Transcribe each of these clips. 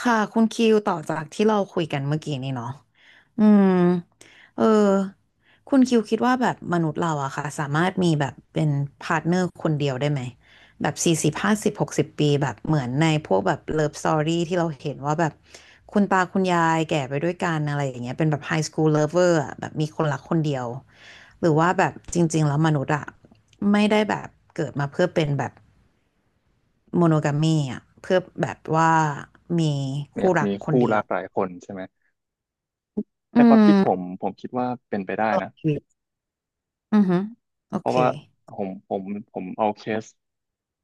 ค่ะคุณคิวต่อจากที่เราคุยกันเมื่อกี้นี่เนาะอืมเออคุณคิวคิดว่าแบบมนุษย์เราอะค่ะสามารถมีแบบเป็นพาร์ทเนอร์คนเดียวได้ไหมแบบ40 50 60 ปีแบบเหมือนในพวกแบบเลิฟสตอรี่ที่เราเห็นว่าแบบคุณตาคุณยายแก่ไปด้วยกันอะไรอย่างเงี้ยเป็นแบบไฮสคูลเลิฟเวอร์อะแบบมีคนรักคนเดียวหรือว่าแบบจริงๆแล้วมนุษย์อะไม่ได้แบบเกิดมาเพื่อเป็นแบบ โมโนกามีอ่ะเพื่อแบบว่ามีเนี่ยคู่รักมีคนคู่เดียรัวกหลายคนใช่ไหมอืในความคิดผมมผมคิดว่าเป็นไปได้ตลอนะดชีวิตอือฮึโอเพราะเคว่าผมผมผมเอาเคส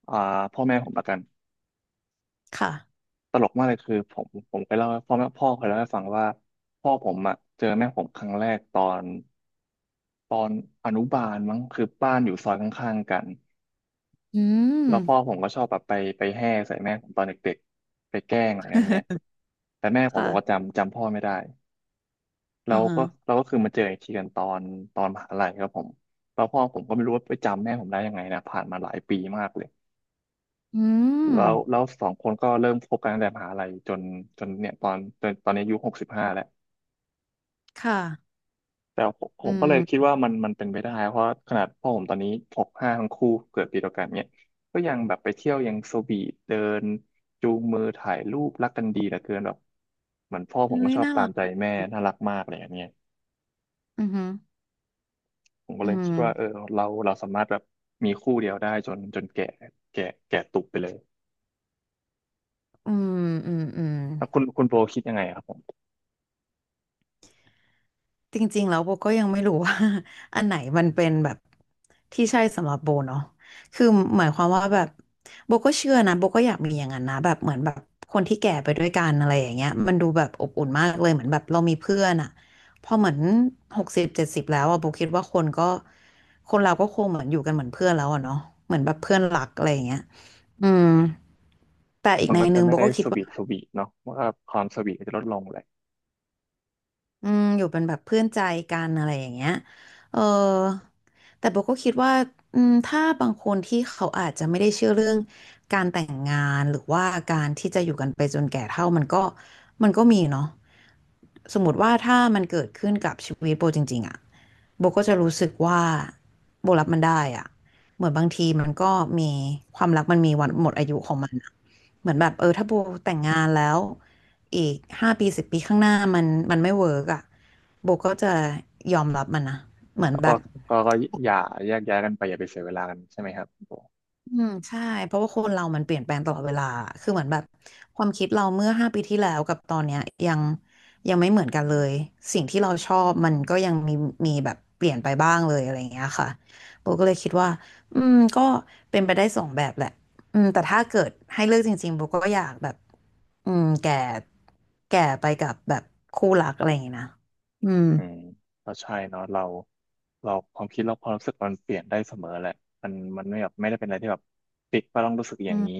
อ่าพ่อแม่ผมละกันค่ะตลกมากเลยคือผมเคยเล่าให้พ่อแม่พ่อเคยเล่าให้ฟังว่าพ่อผมอะเจอแม่ผมครั้งแรกตอนอนุบาลมั้งคือบ้านอยู่ซอยข้างๆกันอืมแล้วพ่อผมก็ชอบแบบไปแห่ใส่แม่ผมตอนเด็กๆไปแกล้งอะไรเงี้ยไงแต่แม่ผมค่ะบอกว่าจำพ่อไม่ได้ อืเราอฮะก็เราก็คือมาเจออีกทีกันตอนมหาลัยครับผมแล้วพ่อผมก็ไม่รู้ว่าไปจำแม่ผมได้ยังไงนะผ่านมาหลายปีมากเลยอืมแล้วสองคนก็เริ่มคบกันตั้งแต่มหาลัยจนเนี่ยตอนนี้อายุ65แล้วค่ะแต่ผมผอืมก็มเลยคิดว่ามันเป็นไปได้เพราะขนาดพ่อผมตอนนี้65ทั้งคู่เกิดปีเดียวกันเนี่ยก็ยังแบบไปเที่ยวยังโซบีเดินจูงมือถ่ายรูปรักกันดีเหลือเกินแบบเหมือนพ่อผเฮ้มก็ยชอบน่าตารัมกใจแม่น่ารักมากเลยอันเนี้ย อือฮึผมก็อืเลยคิดว่าเออมเราสามารถแบบมีคู่เดียวได้จนแก่แก่แก่ตุกไปเลยอืมอืมอืม แล้วคุณโบคิดยังไงครับผมจริงๆแล้วโบก็ยังไม่รู้ว่า อันไหนมันเป็นแบบที่ใช่สำหรับโบเนาะคือหมายความว่าแบบโบก็เชื่อนะโบก็อยากมีอย่างนั้นนะแบบเหมือนแบบคนที่แก่ไปด้วยกันอะไรอย่างเงี้ยมันดูแบบอบอุ่นมากเลยเหมือนแบบเรามีเพื่อนอะพอเหมือน60 70แล้วอะโบคิดว่าคนก็คนเราก็คงเหมือนอยู่กันเหมือนเพื่อนแล้วอะเนาะเหมือนแบบเพื่อนรักอะไรอย่างเงี้ยอืมแต่อีกมันในก็หจะนึ่งไม่โบได้ก็คิสดว่า วีทสวีทเนาะมันก็ความสวีทก็จะลดลงเลยอืมอยู่เป็นแบบเพื่อนใจกันอะไรอย่างเงี้ยเออแต่โบก็คิดว่าอืมถ้าบางคนที่เขาอาจจะไม่ได้เชื่อเรื่องการแต่งงานหรือว่าการที่จะอยู่กันไปจนแก่เฒ่ามันก็มีเนาะสมมติว่าถ้ามันเกิดขึ้นกับชีวิตโบจริงๆอะ โบก็จะรู้สึกว่าโบรับมันได้อะเหมือนบางทีมันก็มีความรักมันมีวันหมดอายุของมันอะเหมือนแบบถ้าโบแต่งงานแล้วอีก5 ปี 10 ปีข้างหน้ามันไม่เวิร์กอ่ะโบก็จะยอมรับมันนะเหมือนแล้วแบก็บ ก็อย่าแยกย้ายกันไปอย่าไปเสียเวลากันใช่ไหมครับคุณโบอืมใช่เพราะว่าคนเรามันเปลี่ยนแปลงตลอดเวลาคือเหมือนแบบความคิดเราเมื่อห้าปีที่แล้วกับตอนเนี้ยยังยังไม่เหมือนกันเลยสิ่งที่เราชอบมันก็ยังมีแบบเปลี่ยนไปบ้างเลยอะไรอย่างเงี้ยค่ะโบก็เลยคิดว่าอืมก็เป็นไปได้สองแบบแหละอืมแต่ถ้าเกิดให้เลือกจริงๆโบก็อยากแบบอืมแก่ไปกับแบบคู่รักอะไรอย่างเงี้ยนะอืมอืมก็ใช่เนาะเราความคิดเราความรู้สึกมันเปลี่ยนได้เสมอแหละมันไม่แบบไม่ได้เป็นอะไรที่แบบปิดว่าต้องรู้สึกออืย่างมนี้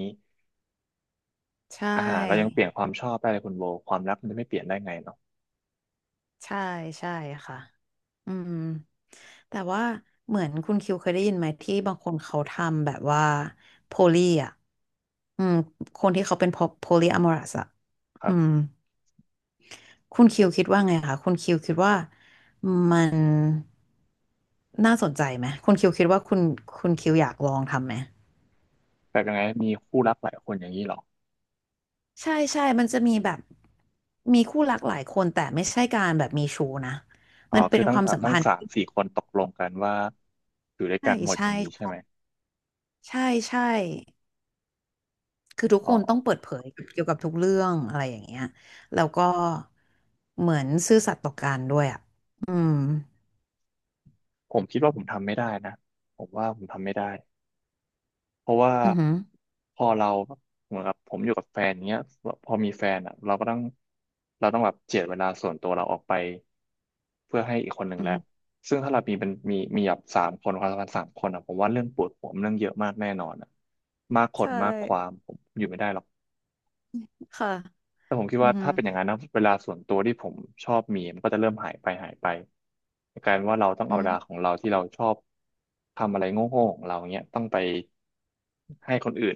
ใช่ อาหารเรายังเปลี่ยนความชอบได้เลยคุณโบความรักมันจะไม่เปลี่ยนได้ไงเนาะใช่ใช่ค่ะอืมแต่ว่าเหมือนคุณคิวเคยได้ยินไหมที่บางคนเขาทำแบบว่าโพลีอ่ะอืมคนที่เขาเป็นโพลีอะมอรัสอ่ะคอืรัม บคุณคิวคิดว่าไงคะคุณคิวคิดว่ามันน่าสนใจไหม คุณคิวคิดว่าคุณคิวอยากลองทำไหม แบบยังไงมีคู่รักหลายคนอย่างนี้เหรอ ใช่ใช่มันจะมีแบบมีคู่รักหลายคนแต่ไม่ใช่การแบบมีชู้นะอ๋อมันเป็คืนอตั้คงวามสัมตั้งพันธ์สามที่สี่คนตกลงกันว่าอยู่ด้วยใช่กันหมดอใช่ย่างนี้ใช่ไหมใช่ใช่ คือทุกอ๋อคนต้องเปิดเผยเกี่ยวกับทุกเรื่องอะไรอย่างเงี้ยแล้วก็เหมือนซื่อสัตย์ต่อกันด้วยอ่ะ อืม ผมคิดว่าผมทำไม่ได้นะผมว่าผมทำไม่ได้เพราะว่าอือหือพอเราเหมือนกับผมอยู่กับแฟนเนี้ยพอมีแฟนอ่ะเราก็ต้องเราต้องแบบเจียดเวลาส่วนตัวเราออกไปเพื่อให้อีกคนหนึ่งอือแล้วหือซึ่งถ้าเรามีเป็นมีแบบสามคนความสัมพันธ์สามคนอ่ะผมว่าเรื่องปวดหัวมันเรื่องเยอะมากแน่นอนอ่ะมากคนใช่มากความผมอยู่ไม่ได้หรอก ค่ะ แต่ผมคิดอือว่าหือถ้าเป็นอย่างนั้นนะเวลาส่วนตัวที่ผมชอบมีมันก็จะเริ่มหายไปกลายเป็นว่าเราต้องอืเอาเวลามของเราที่เราชอบทำอะไรโง่ๆของเราเนี้ยต้องไปให้คนอื่น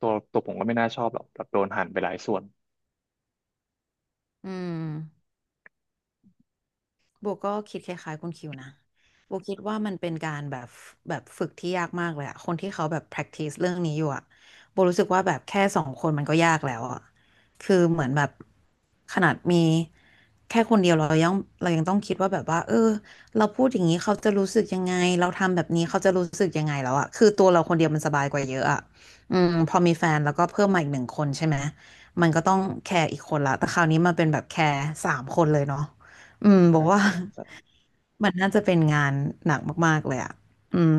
ตัวผมก็ไม่น่าชอบหรอกแบบโดนหั่นไปหลายส่วนอืม โบก็คิดคล้ายๆคุณคิวนะโบคิดว่ามันเป็นการแบบแบบฝึกที่ยากมากเลยอะคนที่เขาแบบ practice เรื่องนี้อยู่อะโบรู้สึกว่าแบบแค่สองคนมันก็ยากแล้วอะคือเหมือนแบบขนาดมีแค่คนเดียวเรายังต้องคิดว่าแบบว่าเราพูดอย่างนี้เขาจะรู้สึกยังไงเราทำแบบนี้เขาจะรู้สึกยังไงแล้วอะคือตัวเราคนเดียวมันสบายกว่าเยอะอะอืมพอมีแฟนแล้วก็เพิ่มมาอีกหนึ่งคนใช่ไหม มันก็ต้องแคร์อีกคนละ แต่คราวนี้มันเป็นแบบแคร์สามคนเลยเนาะ อืมบใช่อกว่า ใช่ใช่ มันน่าจะเป็นงานหนักมากๆเลยอ่ะอืม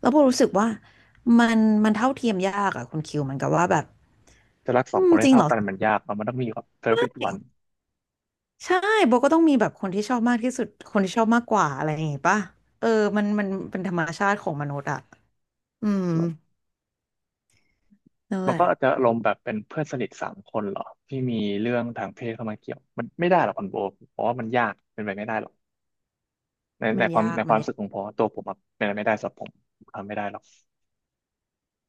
แล้วโบรู้สึกว่ามันเท่าเทียมยากอ่ะคุณคิวเหมันกับว่าแบบจะรักสออืงคมนจให้ริงเท่าเหรอกันมันยากเนอะมันต้องมีแบบ perfect one ใช่โบก็ต้องมีแบบคนที่ชอบมากที่สุดคนที่ชอบมากกว่าอะไรอย่างงี้ป่ะเออมันเป็นธรรมชาติของมนุษย์อ่ะอืมนั่นแหมันละก็จะลงแบบเป็นเพื่อนสนิทสามคนเหรอที่มีเรื่องทางเพศเข้ามาเกี่ยวมันไม่ได้หรอกคอนโบเพราะว่ามันยากเป็นไปไม่ได้หรอก ในในความในคมัวานมรู้ยากสึกของผมอะตัวผมอะเป็นอะไรไม่ได้สำหรับผมผมทำไม่ได้หรอก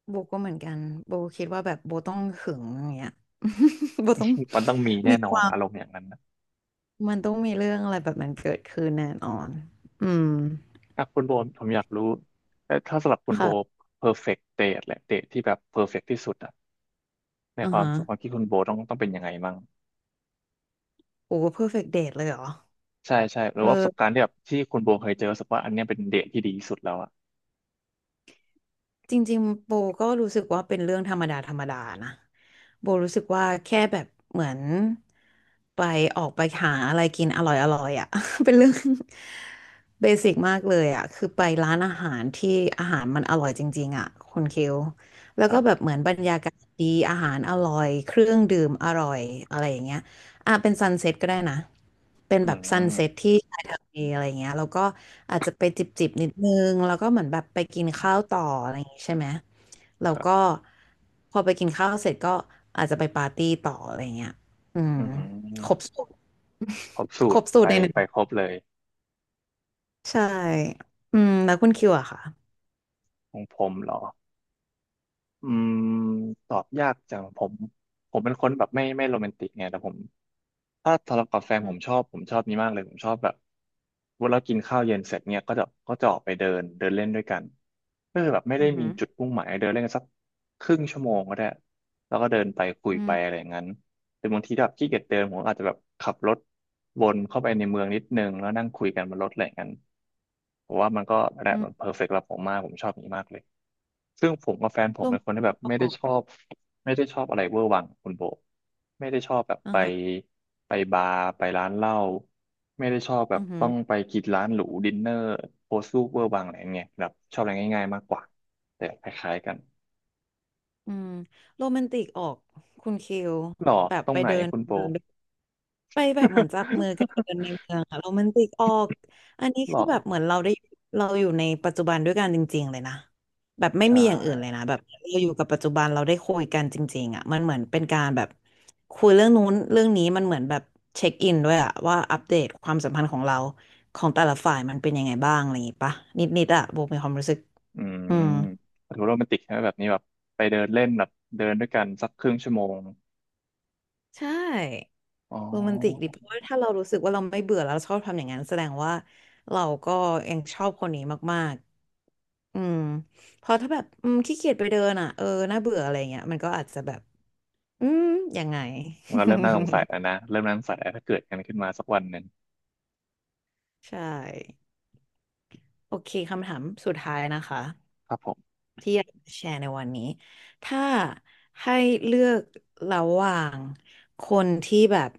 โบก็เหมือนกันโบคิดว่าแบบโบต้องหึงอย่างเงี้ย โบต้อง มันต้องมีแน่มีนอคนวามอารมณ์อย่างนั้นนะมันต้องมีเรื่องอะไรแบบมันเกิดขึ้นแน่นอนอืม ถ้าคุณโบผมอยากรู้แต่ถ้าสำหรับคุณโบ ค่ะ perfect date แหละ date ที่แบบ perfect ที่สุดอะในอือความฮะความคิดคุณโบต้องเป็นยังไงมั่งโอ้เพอร์เฟกต์เดทเลยเหรอใช่หรือว่าประสบการอณ์ที่แบบที่คุณโบเคยเจอรู้สึกว่าอันเนี้ยเป็นเดทที่ดีที่สุดแล้วอะจริงๆโบก็รู้สึกว่าเป็นเรื่องธรรมดาธรรมดานะโบรู้สึกว่าแค่แบบเหมือนไปออกไปหาอะไรกินอร่อยอร่อยอ่ะ เป็นเรื่อง เบสิกมากเลยอ่ะคือไปร้านอาหารที่อาหารมันอร่อยจริงๆอ่ะคุณคิวแล้วคก็รัแบบบเหมือนบรรยากาศดีอาหารอร่อยเครื่องดื่มอร่อยอะไรอย่างเงี้ย อ่ะเป็นซันเซ็ตก็ได้นะเป็นอืแบบซันมเซ็ตที่ชายทะเลอะไรเงี้ยแล้วก็อาจจะไปจิบนิดนึงแล้วก็เหมือนแบบไปกินข้าวต่ออะไรอย่างงี้ใช่ไหมแล้ควรัก็บพอไปกินข้าวเสร็จก็อาจจะไปปาร์ตี้ต่ออะไรเงี้ยอืมอืครบมสูตรครบสูคตรรบสูไปตรในหนึ่งไปครบเลยใช่อืมแล้วคุณคิวอะค่ะของผมเหรอ อืมตอบยากจังผมผมเป็นคนแบบไม่โรแมนติกไงแต่ผมถ้าทะเลาะกับแฟนอืผมมชอบผมชอบนี้มากเลยผมชอบแบบเวลากินข้าวเย็นเสร็จเนี่ยก็จะออกไปเดินเดินเล่นด้วยกันก็คือแบบไม่อืได้มีจุดมมุ่งหมายเดินเล่นกันสัก ครึ่งชั่วโมงก็ได้แล้วก็เดินไปคุยอืไปอะมไรอย่างนั้นแต่บางทีถ้าแบบขี้เกียจเดินผมอาจจะแบบขับรถวนเข้าไปในเมืองนิดนึงแล้วนั่งคุยกันบนรถอะไรอย่างนั้นผมว่ามันก็อืแบมบเพอร์เฟกต์สำหรับผมมากผมชอบอย่างนี้มากเลยซึ่งผมกับแฟนผโรมเป็แมนนคนที่แบติบกไม่อได้อกชอบไม่ได้ชอบอะไรเวอร์วังคุณโบไม่ได้ชอบแบบอืไปอฮะไปบาร์ไปร้านเหล้าไม่ได้ชอบแบบอือฮึต้องไปกินร้านหรูดินเนอร์โพสต์รูปเวอร์วังอะไรอย่างเงี้ยแบบชอบอะไรง่ายๆมากกว่าแต่คล้ายๆกัน อืมโรแมนติกออกคุณคิวหล่อแบบตรไปงไหนเดินคุณโป เดิน ไปแบบเหมือนจับมือกันเดินใน เมืองอะโรแมนติกออกอันนี้หล่คืออแบบเหมือนเราได้เราอยู่ในปัจจุบันด้วยกันจริงๆเลยนะแบบไม่ใช่มีอย่างอื่นเลยนะแบบเราอยู่กับปัจจุบันเราได้คุยกันจริงๆอ่ะมันเหมือนเป็นการแบบคุยเรื่องนู้นเรื่องนี้มันเหมือนแบบเช็คอินด้วยอะว่าอัปเดตความสัมพันธ์ของเราของแต่ละฝ่ายมันเป็นยังไงบ้างอะไรอย่างงี้ปะนิดๆอะโบมีความรู้สึกอืมอืมดูโรแมนติกใช่ไหมแบบนี้แบบไปเดินเล่นแบบเดินด้วยกันสักครึ่งชั่วโมงใช่อ๋โรแมนติกดิอเพราะว่าถ้าเรารู้สึกว่าเราไม่เบื่อแล้วเราชอบทำอย่างนั้นแสดงว่าเราก็ยังชอบคนนี้มาก อืมเพอถ้าแบบขี้เกียจไปเดินอ่ะเออน่าเบื่ออะไรเงี้ยมันก็อาจจะแบบอืมยังไง เราเริ่มน่าสงสัยแล้วนะเริ่มน่าสงสัยแล้วถ้าเกิดกันขึ้นมาสักวันหนึ่ง ใช่โอเคคำถามสุดท้ายนะคะ ครับผมที่อยากจะแชร์ในวันนี้ถ้าให้เลือกระหว่างคนที่แบบ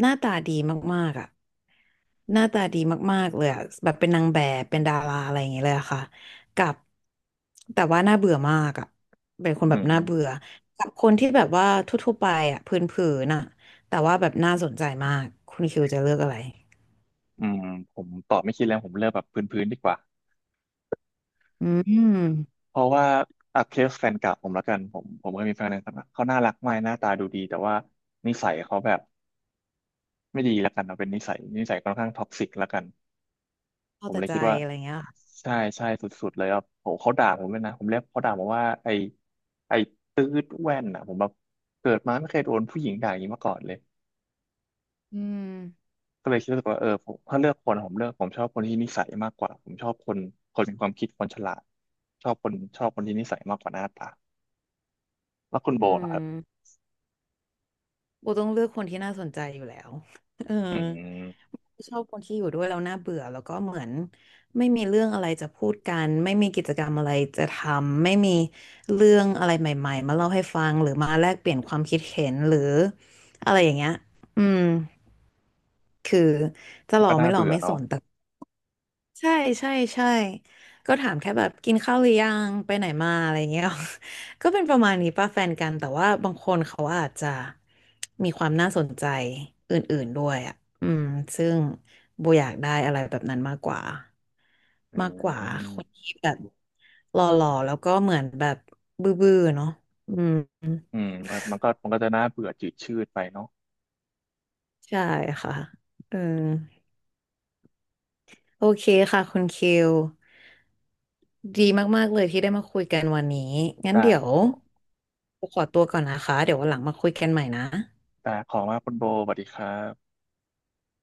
หน้าตาดีมากๆอ่ะหน้าตาดีมากๆเลยอะแบบเป็นนางแบบเป็นดาราอะไรอย่างเงี้ยเลยอะค่ะกับแต่ว่าน่าเบื่อมากอ่ะเป็นคนอืแบบน่าเบื่มอกับคนที่แบบว่าทั่วๆไปอ่ะพื้นๆน่ะแต่ว่าแบบน่าสนใจมากคุณคิวจะเลือกอะไรอืมผมตอบไม่คิดแล้วผมเลือกแบบพื้นๆดีกว่าอืมเพราะว่าอ่ะเคสแฟนเก่าผมแล้วกันผมเคยมีแฟนในสมัยเขาน่ารักมากหน้าตาดูดีแต่ว่านิสัยเขาแบบไม่ดีแล้วกันเอาเป็นนิสัยค่อนข้างท็อกซิกแล้วกัน ผเข้ามแต่เลยใจคิดว่าอะไรเงี้ยค่ะใช่สุดๆเลยครับโหเขาด่าผมเลยนะผมเรียกเขาด่าผมว่าไอ้ตืดแว่นอ่ะผมแบบเกิดมาไม่เคยโดนผู้หญิงด่าอย่างนี้มาก่อนเลยอืมก็เลยคิดรู้สึกว่าเออผมถ้าเลือกคนผมเลือกผมชอบคนที่นิสัยมากกว่าผมชอบคนมีความคิดคนฉลาดชอบคนที่นิสัยมากกว่าหน้าตาแล้วคุณอืโบนะครับม โบต้องเลือกคนที่น่าสนใจอยู่แล้ว เอออืมชอบคนที่อยู่ด้วยแล้วน่าเบื่อแล้วก็เหมือนไม่มีเรื่องอะไรจะพูดกันไม่มีกิจกรรมอะไรจะทำไม่มีเรื่องอะไรใหม่ๆมาเล่าให้ฟังหรือมาแลกเปลี่ยนความคิดเห็นหรืออะไรอย่างเงี้ย อืมคือจะมัหนล่อก็น่าไม่หล่อเบื่อไม่สเนาะนแต่ ใช่ใช่ใช่ก็ถามแค่แบบกินข้าวหรือยังไปไหนมาอะไรเงี้ย ก็เป็นประมาณนี้ป่ะแฟนกันแต่ว่าบางคนเขาอาจจะมีความน่าสนใจอื่นๆด้วยอ่ะอืมซึ่งโบอยากได้อะไรแบบนั้นมากกว่าอืมากกว่าคนมที่แบบหล่อๆแล้วก็เหมือนแบบบื้อๆเนาะอืมอืมมันก็จะน่าเบื่อจืดชืดไปเนาะใช่ค่ะเออ โอเคค่ะคุณคิว ดีมากๆเลยที่ได้มาคุยกันวันนี้ งั้นได้เดี๋ยคุวณโบขอตัวก่อนนะคะ เดี๋ยววันหลังมาคุยกันใหม่นะได้ขอบคุณมากคุณโบสวัสดีครับ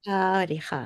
ค่ะสวัสดีค่ะ